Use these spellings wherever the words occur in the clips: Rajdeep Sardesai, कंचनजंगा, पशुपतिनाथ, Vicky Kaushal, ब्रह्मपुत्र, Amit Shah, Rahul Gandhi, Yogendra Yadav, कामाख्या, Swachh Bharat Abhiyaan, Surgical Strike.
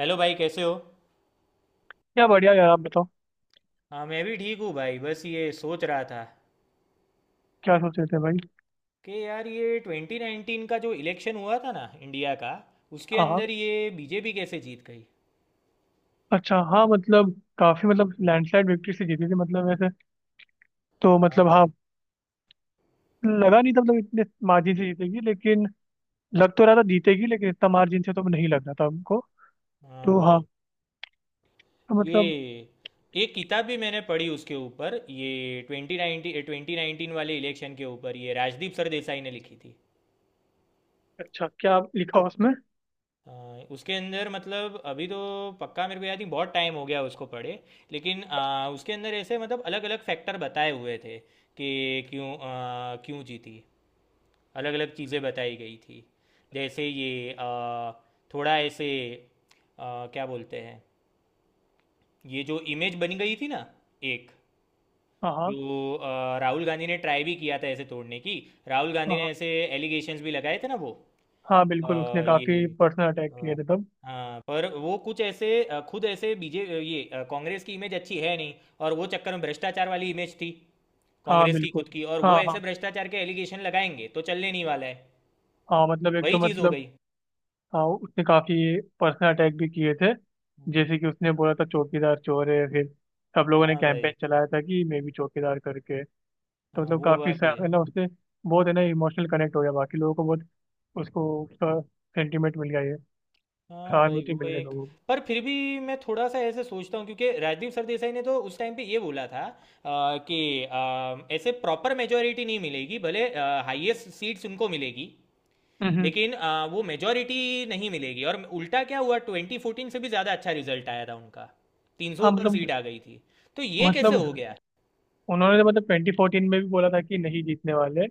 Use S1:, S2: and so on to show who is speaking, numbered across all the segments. S1: Hello भाई, कैसे हो।
S2: क्या बढ़िया यार आप बताओ।
S1: हाँ, मैं भी ठीक हूँ भाई। बस ये सोच रहा था
S2: क्या सोच रहे थे भाई।
S1: कि यार ये 2019 का जो इलेक्शन हुआ था ना इंडिया का, उसके
S2: हाँ हाँ।
S1: अंदर ये बीजेपी कैसे जीत गई।
S2: अच्छा हाँ मतलब काफी मतलब लैंडस्लाइड विक्ट्री से जीती थी मतलब वैसे तो
S1: हाँ
S2: मतलब हाँ।
S1: भाई।
S2: लगा नहीं था मतलब इतने मार्जिन से जीतेगी लेकिन लग तो रहा था जीतेगी लेकिन इतना मार्जिन से तो नहीं लग रहा था हमको।
S1: हाँ
S2: तो हाँ
S1: भाई।
S2: तो मतलब।
S1: ये एक किताब भी मैंने पढ़ी उसके ऊपर, ये 2019 वाले इलेक्शन के ऊपर, ये राजदीप सरदेसाई ने लिखी थी।
S2: अच्छा क्या लिखा उसमें।
S1: हाँ, उसके अंदर मतलब अभी तो पक्का मेरे को याद नहीं, बहुत टाइम हो गया उसको पढ़े। लेकिन उसके अंदर ऐसे मतलब अलग अलग फैक्टर बताए हुए थे कि क्यों, क्यों जीती। अलग अलग चीज़ें बताई गई थी। जैसे ये थोड़ा ऐसे क्या बोलते हैं, ये जो इमेज बनी गई थी ना एक,
S2: हाँ हाँ।
S1: जो राहुल गांधी ने ट्राई भी किया था ऐसे तोड़ने की। राहुल गांधी
S2: हाँ
S1: ने
S2: हाँ।
S1: ऐसे एलिगेशंस भी लगाए थे ना वो।
S2: हाँ, बिल्कुल उसने
S1: अ, ये
S2: काफी पर्सनल अटैक किए
S1: अ,
S2: थे तब।
S1: हाँ पर वो कुछ ऐसे खुद ऐसे बीजे अ, ये अ, कांग्रेस की इमेज अच्छी है नहीं, और वो चक्कर में भ्रष्टाचार वाली इमेज थी
S2: हाँ
S1: कांग्रेस की
S2: बिल्कुल।
S1: खुद की, और
S2: हाँ
S1: वो ऐसे
S2: हाँ।
S1: भ्रष्टाचार के एलिगेशन लगाएंगे तो चलने नहीं वाला है।
S2: हाँ मतलब एक
S1: वही
S2: तो
S1: चीज़ हो
S2: मतलब।
S1: गई।
S2: हाँ उसने काफी पर्सनल अटैक भी किए थे
S1: हम्म।
S2: जैसे कि उसने बोला था चौकीदार चोर है। फिर सब लोगों ने
S1: हाँ भाई।
S2: कैंपेन चलाया था कि मैं भी चौकीदार करके। तो
S1: हाँ,
S2: मतलब
S1: वो
S2: काफी
S1: बात भी है।
S2: है ना उससे बहुत है ना इमोशनल कनेक्ट हो गया बाकी लोगों को बहुत उसको उसका सेंटिमेंट मिल गया ये
S1: हाँ भाई।
S2: सहानुभूति
S1: वो
S2: मिल गई
S1: एक
S2: लोगों को।
S1: पर फिर भी मैं थोड़ा सा ऐसे सोचता हूँ, क्योंकि राजदीप सरदेसाई ने तो उस टाइम पे ये बोला था कि ऐसे प्रॉपर मेजोरिटी नहीं मिलेगी भले, हाईएस्ट सीट्स उनको मिलेगी,
S2: हम्म, हम्म।
S1: लेकिन वो मेजॉरिटी नहीं मिलेगी। और उल्टा क्या हुआ, 2014 से भी ज़्यादा अच्छा रिजल्ट आया था उनका, 300
S2: हाँ
S1: ऊपर
S2: मतलब
S1: सीट आ गई थी। तो ये कैसे
S2: मतलब
S1: हो गया?
S2: उन्होंने तो मतलब 2014 में भी बोला था कि नहीं जीतने वाले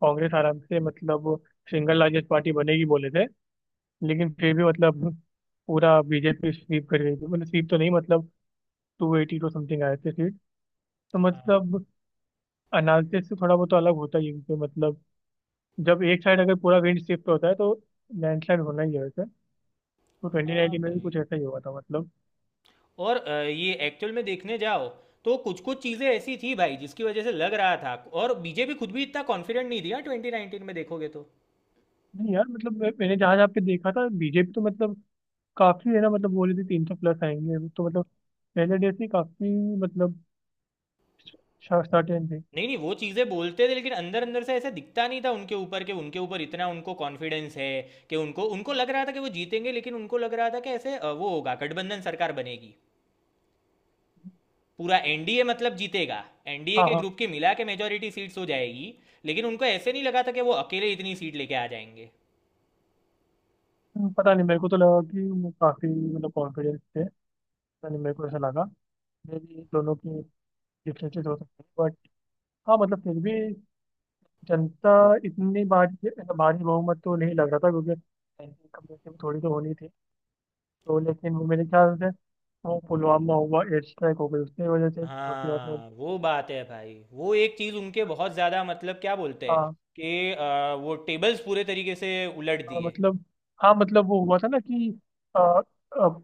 S2: कांग्रेस आराम से मतलब सिंगल लार्जेस्ट पार्टी बनेगी बोले थे। लेकिन फिर भी मतलब पूरा बीजेपी स्वीप कर गई थी मतलब स्वीप तो नहीं मतलब 282 समथिंग आए थे सीट। तो
S1: हाँ।
S2: मतलब एनालिसिस से थोड़ा बहुत तो अलग होता ही है क्योंकि मतलब जब एक साइड अगर पूरा विंड शिफ्ट होता है तो लैंडस्लाइड होना ही है वैसे। तो ट्वेंटी
S1: हाँ
S2: नाइनटीन में भी
S1: भाई।
S2: कुछ ऐसा ही हुआ था मतलब।
S1: और ये एक्चुअल में देखने जाओ तो कुछ कुछ चीज़ें ऐसी थी भाई जिसकी वजह से लग रहा था। और बीजेपी खुद भी इतना कॉन्फिडेंट नहीं थी यार, 2019 में देखोगे तो।
S2: नहीं यार मतलब मैंने जहाँ जहाँ पे देखा था बीजेपी तो मतलब काफी है ना मतलब बोल रही थी 300 प्लस आएंगे तो मतलब पहले डे से ही काफी मतलब सर्टेन थे।
S1: नहीं नहीं, वो चीज़ें बोलते थे लेकिन अंदर अंदर से ऐसा दिखता नहीं था उनके ऊपर कि उनके ऊपर इतना उनको कॉन्फिडेंस है। कि उनको उनको लग रहा था कि वो जीतेंगे, लेकिन उनको लग रहा था कि ऐसे वो होगा, गठबंधन सरकार बनेगी, पूरा एनडीए मतलब जीतेगा। एनडीए
S2: हाँ
S1: के
S2: हाँ।
S1: ग्रुप की मिला के मेजोरिटी सीट्स हो जाएगी। लेकिन उनको ऐसे नहीं लगा था कि वो अकेले इतनी सीट लेके आ जाएंगे।
S2: पता नहीं मेरे को तो लगा कि वो काफी मतलब कॉन्फिडेंस थे। पता नहीं मेरे को ऐसा लगा मे बी दोनों के डिफरेंसेस हो सकते हैं बट हाँ मतलब फिर भी जनता इतनी भारी भारी बहुमत तो नहीं लग रहा था क्योंकि सैंक्शन कमेटी में थोड़ी तो होनी थी। तो लेकिन वो मेरे ख्याल से वो पुलवामा हुआ एयर स्ट्राइक हो गई उसकी वजह से और फिर मतलब।
S1: हाँ वो बात है भाई, वो एक चीज़ उनके बहुत ज़्यादा मतलब क्या बोलते हैं,
S2: हाँ।
S1: कि वो टेबल्स पूरे तरीके से उलट
S2: हाँ,
S1: दिए।
S2: मतलब हाँ मतलब वो हुआ था ना कि आ, अब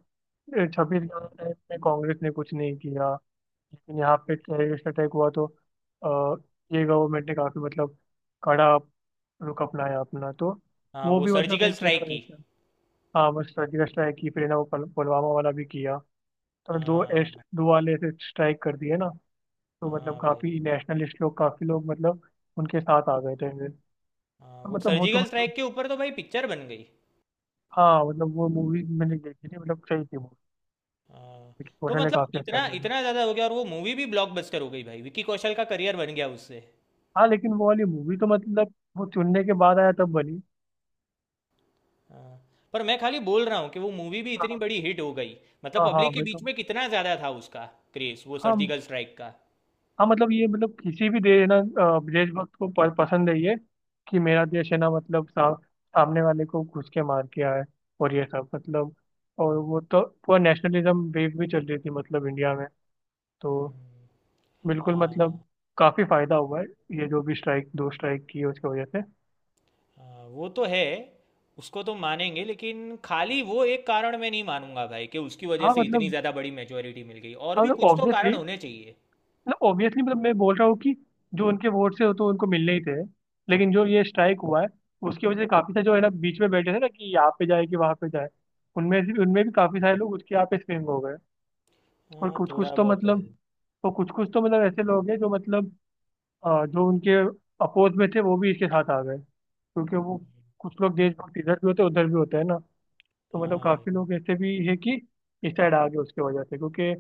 S2: 26/11 टाइम में कांग्रेस ने कुछ नहीं किया लेकिन यहाँ पे टेररिस्ट अटैक हुआ तो आ, ये गवर्नमेंट ने काफी मतलब कड़ा रुख अपनाया अपना। तो
S1: हाँ
S2: वो
S1: वो
S2: भी मतलब
S1: सर्जिकल
S2: एक
S1: स्ट्राइक
S2: कहना
S1: की।
S2: रहता है। हाँ बस सर्जिकल स्ट्राइक की फिर है ना वो पुलवामा वाला भी किया तो दो एस,
S1: हाँ।
S2: दो वाले ऐसे स्ट्राइक कर दिए ना। तो मतलब
S1: हाँ भाई।
S2: काफी नेशनलिस्ट लोग काफी लोग मतलब उनके साथ आ गए थे फिर। तो
S1: हाँ वो
S2: मतलब वो तो
S1: सर्जिकल
S2: मतलब
S1: स्ट्राइक के ऊपर तो भाई पिक्चर बन गई।
S2: हाँ मतलब वो मूवी मैंने देखी थी मतलब सही थी वो।
S1: हाँ। तो
S2: क्वेश्चन ने
S1: मतलब
S2: काफी अच्छा
S1: इतना
S2: किया था।
S1: इतना ज़्यादा हो गया, और वो मूवी भी ब्लॉकबस्टर हो गई भाई, विकी कौशल का करियर बन गया उससे।
S2: हाँ लेकिन वो वाली मूवी तो मतलब वो चुनने के बाद आया तब बनी।
S1: हाँ, पर मैं खाली बोल रहा हूँ कि वो मूवी भी इतनी
S2: हाँ
S1: बड़ी हिट हो गई, मतलब
S2: हाँ। हाँ
S1: पब्लिक के
S2: वही तो।
S1: बीच में कितना ज़्यादा था उसका क्रेज़ वो
S2: हाँ
S1: सर्जिकल स्ट्राइक का।
S2: हाँ मतलब ये मतलब किसी भी देश है ना देशभक्त को पसंद है ये कि मेरा देश है ना मतलब सामने वाले को घुस के मार के आए और ये सब मतलब और वो तो पूरा नेशनलिज्म वेव भी चल रही थी मतलब इंडिया में। तो बिल्कुल
S1: हाँ।
S2: मतलब काफी फायदा हुआ है ये जो भी स्ट्राइक दो स्ट्राइक की है उसकी वजह से।
S1: हाँ, वो तो है। उसको तो मानेंगे, लेकिन खाली वो एक कारण मैं नहीं मानूंगा भाई कि उसकी वजह
S2: हाँ
S1: से इतनी
S2: मतलब
S1: ज़्यादा बड़ी मेजोरिटी मिल गई, और
S2: हाँ
S1: भी
S2: मतलब
S1: कुछ तो कारण
S2: ऑब्वियसली
S1: होने चाहिए।
S2: मतलब ऑब्वियसली मतलब मैं बोल रहा हूँ कि जो उनके वोट से हो तो उनको मिलने ही थे लेकिन जो ये स्ट्राइक हुआ है उसकी वजह से काफी सारे जो है ना बीच में बैठे थे ना कि यहाँ पे जाए कि वहाँ पे जाए उनमें से उनमें भी काफी सारे लोग उसके यहाँ पे स्विंग हो गए। और
S1: हाँ,
S2: कुछ कुछ
S1: थोड़ा
S2: तो
S1: बहुत तो
S2: मतलब
S1: है।
S2: तो कुछ कुछ तो मतलब ऐसे लोग हैं जो मतलब जो उनके अपोज में थे वो भी इसके साथ आ गए क्योंकि वो कुछ लोग देशभक्त इधर भी होते हैं उधर भी होते हैं ना। तो मतलब
S1: हाँ भाई।
S2: काफी लोग ऐसे भी है कि इस साइड आ गए उसकी वजह से क्योंकि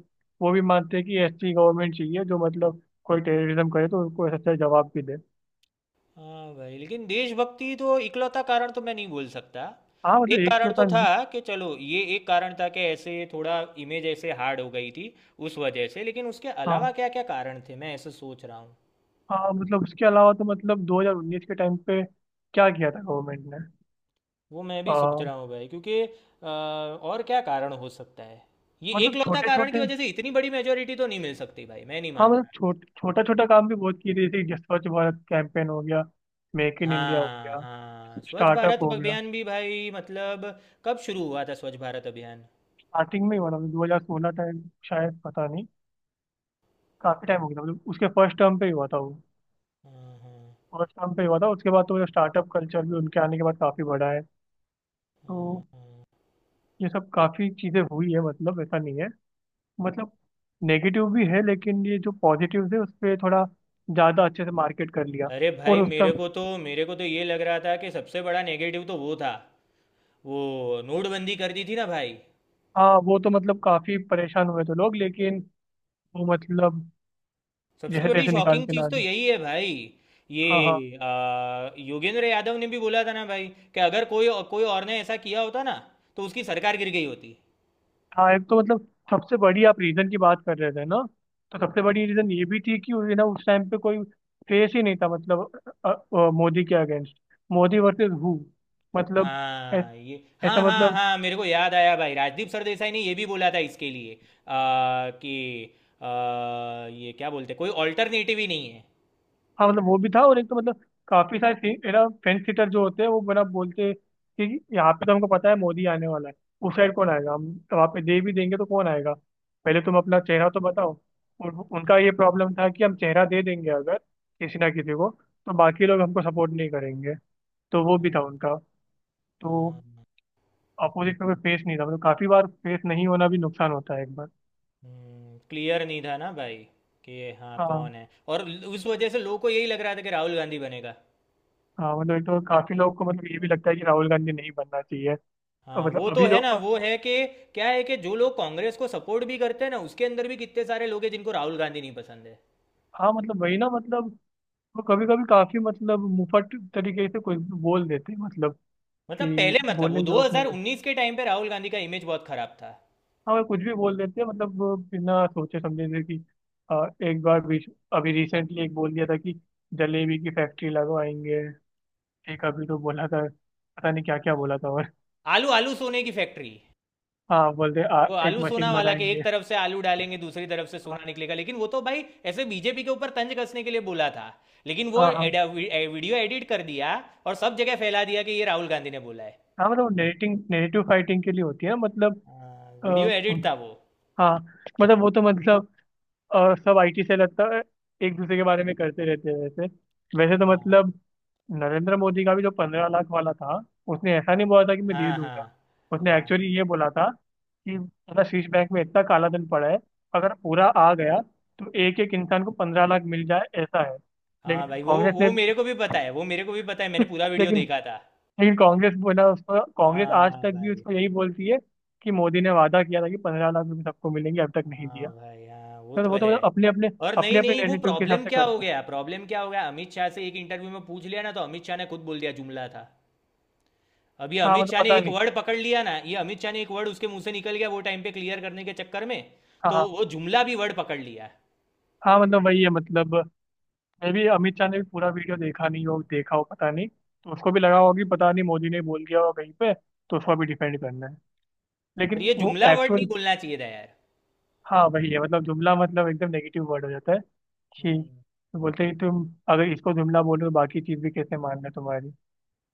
S2: वो भी मानते हैं कि ऐसी गवर्नमेंट चाहिए जो मतलब कोई टेररिज्म करे तो उसको ऐसा जवाब भी दे।
S1: हाँ भाई, लेकिन देशभक्ति तो इकलौता कारण तो मैं नहीं बोल सकता।
S2: हाँ मतलब
S1: एक
S2: एक
S1: कारण
S2: तो
S1: तो
S2: था
S1: था,
S2: नहीं।
S1: कि चलो ये एक कारण था कि ऐसे थोड़ा इमेज ऐसे हार्ड हो गई थी उस वजह से, लेकिन उसके
S2: हाँ
S1: अलावा क्या क्या कारण थे मैं ऐसे सोच रहा हूँ।
S2: हाँ मतलब उसके अलावा तो मतलब 2019 के टाइम पे क्या किया था गवर्नमेंट ने।
S1: वो मैं भी
S2: आ,
S1: सोच रहा हूँ भाई, क्योंकि और क्या कारण हो सकता है, ये
S2: मतलब
S1: एकलौता
S2: छोटे
S1: कारण की
S2: छोटे।
S1: वजह से इतनी बड़ी मेजोरिटी तो नहीं मिल सकती भाई, मैं नहीं
S2: हाँ मतलब
S1: मानता।
S2: छोटा छोटा काम भी बहुत किए थे जैसे कि स्वच्छ भारत कैंपेन हो गया मेक इन इंडिया हो
S1: हाँ
S2: गया
S1: हाँ, स्वच्छ भारत
S2: स्टार्टअप हो गया।
S1: अभियान भी भाई मतलब। कब शुरू हुआ था स्वच्छ भारत अभियान?
S2: स्टार्टिंग में ही हुआ था मतलब 2016 टाइम शायद पता नहीं। काफी टाइम हो गया था मतलब उसके फर्स्ट टर्म पे ही हुआ था वो।
S1: हाँ हाँ।
S2: फर्स्ट टाइम पे हुआ था उसके बाद तो मतलब स्टार्टअप कल्चर भी उनके आने के बाद काफी बढ़ा है। तो ये सब काफी चीजें हुई है मतलब ऐसा नहीं है मतलब नेगेटिव भी है लेकिन ये जो पॉजिटिव है उस पर थोड़ा ज्यादा अच्छे से मार्केट कर लिया।
S1: अरे
S2: और
S1: भाई,
S2: उस
S1: मेरे
S2: सब।
S1: को तो मेरे को तो ये लग रहा था कि सबसे बड़ा नेगेटिव तो वो था, वो नोटबंदी कर दी थी ना भाई।
S2: हाँ वो तो मतलब काफी परेशान हुए थे लोग लेकिन वो मतलब
S1: सबसे
S2: जैसे
S1: बड़ी
S2: तैसे निकाल
S1: शॉकिंग
S2: के
S1: चीज़
S2: ला
S1: तो
S2: दी।
S1: यही है भाई। ये
S2: हाँ हाँ।
S1: योगेंद्र यादव ने भी बोला था ना भाई, कि अगर कोई कोई और ने ऐसा किया होता ना, तो उसकी सरकार गिर गई होती।
S2: हाँ एक तो मतलब सबसे बड़ी आप रीजन की बात कर रहे थे ना तो सबसे बड़ी रीजन ये भी थी कि ना उस टाइम पे कोई फेस ही नहीं था मतलब मोदी के अगेंस्ट मोदी वर्सेस हु मतलब ऐ-
S1: हाँ ये।
S2: ऐसा
S1: हाँ हाँ
S2: मतलब।
S1: हाँ, मेरे को याद आया भाई, राजदीप सरदेसाई ने ये भी बोला था इसके लिए कि आ, ये क्या बोलते, कोई ऑल्टरनेटिव ही नहीं है।
S2: हाँ मतलब वो भी था और एक तो मतलब काफी सारे है ना फेंस सीटर जो होते हैं वो बना बोलते हैं कि यहाँ पे तो हमको पता है मोदी आने वाला है उस साइड कौन आएगा हम तो वहाँ पे दे भी देंगे तो कौन आएगा पहले तुम अपना चेहरा तो बताओ। और उनका ये प्रॉब्लम था कि हम चेहरा दे देंगे अगर किसी ना किसी को तो बाकी लोग हमको सपोर्ट नहीं करेंगे तो वो भी था
S1: हाँ,
S2: उनका। तो
S1: हाँ, हाँ,
S2: अपोजिट में कोई फेस नहीं था मतलब काफी बार फेस नहीं होना भी नुकसान होता है एक बार।
S1: क्लियर नहीं था ना भाई, कि हाँ
S2: हाँ।
S1: कौन है, और उस वजह से लोगों को यही लग रहा था कि राहुल गांधी बनेगा।
S2: हाँ मतलब एक तो काफी लोग को मतलब ये भी लगता है कि राहुल गांधी नहीं बनना चाहिए। और
S1: हाँ
S2: मतलब
S1: वो तो
S2: अभी
S1: है
S2: जो।
S1: ना, वो है कि क्या है कि जो लोग कांग्रेस को सपोर्ट भी करते हैं ना, उसके अंदर भी कितने सारे लोग हैं जिनको राहुल गांधी नहीं पसंद है।
S2: हाँ मतलब वही ना मतलब वो कभी कभी काफी मतलब मुफट तरीके से कुछ भी बोल देते हैं मतलब
S1: मतलब
S2: कि
S1: पहले मतलब
S2: बोलने
S1: वो
S2: की जरूरत नहीं होती।
S1: 2019 के टाइम पे राहुल गांधी का इमेज बहुत खराब था।
S2: हाँ वो कुछ भी बोल देते हैं मतलब वो बिना सोचे समझे से कि एक बार बीच अभी रिसेंटली एक बोल दिया था कि जलेबी की फैक्ट्री लगवाएंगे। एक अभी तो बोला था पता नहीं क्या क्या बोला था और।
S1: आलू आलू सोने की फैक्ट्री।
S2: हाँ बोलते
S1: वो
S2: एक
S1: आलू सोना
S2: मशीन
S1: वाला के, एक
S2: बनाएंगे।
S1: तरफ से आलू डालेंगे दूसरी तरफ से
S2: हाँ
S1: सोना निकलेगा, लेकिन वो तो भाई ऐसे बीजेपी के ऊपर तंज कसने के लिए बोला था, लेकिन वो
S2: हाँ। हाँ,
S1: वीडियो एडिट कर दिया, और सब जगह फैला दिया कि ये राहुल गांधी ने बोला है।
S2: हाँ, मतलब नेरेटिंग नेरेटिव फाइटिंग के लिए होती है मतलब।
S1: हाँ,
S2: आ,
S1: वीडियो एडिट
S2: उन-
S1: था वो।
S2: हाँ मतलब वो तो मतलब और सब आईटी से लगता है एक दूसरे के बारे में करते रहते हैं वैसे। वैसे तो
S1: हाँ,
S2: मतलब नरेंद्र मोदी का भी जो 15 लाख वाला था उसने ऐसा नहीं बोला था कि मैं दे
S1: हाँ, हाँ,
S2: दूंगा। उसने
S1: हाँ।
S2: एक्चुअली ये बोला था कि मतलब शीर्ष बैंक में इतना काला धन पड़ा है अगर पूरा आ गया तो एक एक इंसान को 15 लाख मिल जाए ऐसा है।
S1: हाँ
S2: लेकिन
S1: भाई, वो
S2: कांग्रेस ने
S1: वो
S2: भी
S1: मेरे को भी पता है, वो मेरे को भी पता है, मैंने पूरा वीडियो
S2: लेकिन
S1: देखा था।
S2: लेकिन कांग्रेस बोला उसको कांग्रेस आज
S1: हाँ
S2: तक भी
S1: भाई।
S2: उसको यही बोलती है कि मोदी ने वादा किया था कि 15 लाख रुपए सबको मिलेंगे अब तक नहीं दिया।
S1: हाँ भाई। हाँ वो
S2: तो
S1: तो
S2: वो तो
S1: है।
S2: मतलब अपने अपने
S1: और नहीं
S2: अपने अपने
S1: नहीं वो,
S2: नेगेटिव के हिसाब
S1: प्रॉब्लम
S2: से
S1: क्या हो
S2: करते हैं।
S1: गया, प्रॉब्लम क्या हो गया, अमित शाह से एक इंटरव्यू में पूछ लिया ना, तो अमित शाह ने खुद बोल दिया जुमला था। अभी
S2: हाँ
S1: अमित
S2: मतलब
S1: शाह ने
S2: पता
S1: एक
S2: नहीं।
S1: वर्ड पकड़ लिया ना, ये अमित शाह ने एक वर्ड उसके मुंह से निकल गया वो टाइम पे क्लियर करने के चक्कर में।
S2: हाँ
S1: तो
S2: हाँ।
S1: वो जुमला भी वर्ड पकड़ लिया।
S2: हाँ मतलब वही है मतलब मैं भी अमित शाह ने भी पूरा वीडियो देखा नहीं हो देखा हो पता नहीं तो उसको भी लगा होगा कि पता नहीं मोदी ने बोल दिया होगा कहीं पे तो उसको भी डिफेंड करना है
S1: और
S2: लेकिन
S1: ये
S2: वो
S1: जुमला वर्ड नहीं
S2: एक्चुअल।
S1: बोलना चाहिए था यार।
S2: हाँ वही है मतलब जुमला मतलब एकदम नेगेटिव वर्ड हो जाता है कि
S1: हम्म।
S2: बोलते हैं कि तुम अगर इसको जुमला बोलो तो बाकी चीज़ भी कैसे मानना तुम्हारी।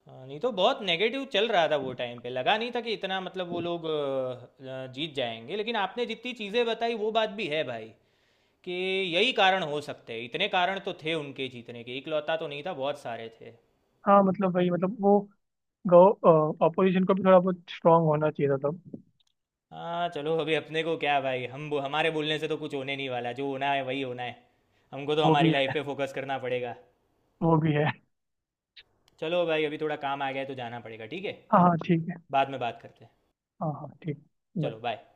S1: हाँ, नहीं तो बहुत नेगेटिव चल रहा था वो टाइम पे, लगा नहीं था कि इतना मतलब वो लोग जीत जाएंगे, लेकिन आपने जितनी चीज़ें बताई वो बात भी है भाई, कि यही कारण हो सकते हैं, इतने कारण तो थे उनके जीतने के, इकलौता तो नहीं था, बहुत सारे थे।
S2: हाँ मतलब वही मतलब वो गौ अपोजिशन को भी थोड़ा बहुत स्ट्रांग होना चाहिए था तब।
S1: हाँ चलो, अभी अपने को क्या भाई, हम हमारे बोलने से तो कुछ होने नहीं वाला, जो होना है वही होना है। हमको तो
S2: वो
S1: हमारी
S2: भी
S1: लाइफ
S2: है।
S1: पे फोकस करना पड़ेगा।
S2: वो भी है।
S1: चलो भाई, अभी थोड़ा काम आ गया है तो जाना पड़ेगा, ठीक है।
S2: हाँ हाँ ठीक है।
S1: बाद में बात करते हैं।
S2: हाँ हाँ ठीक है
S1: चलो
S2: Bye।
S1: बाय।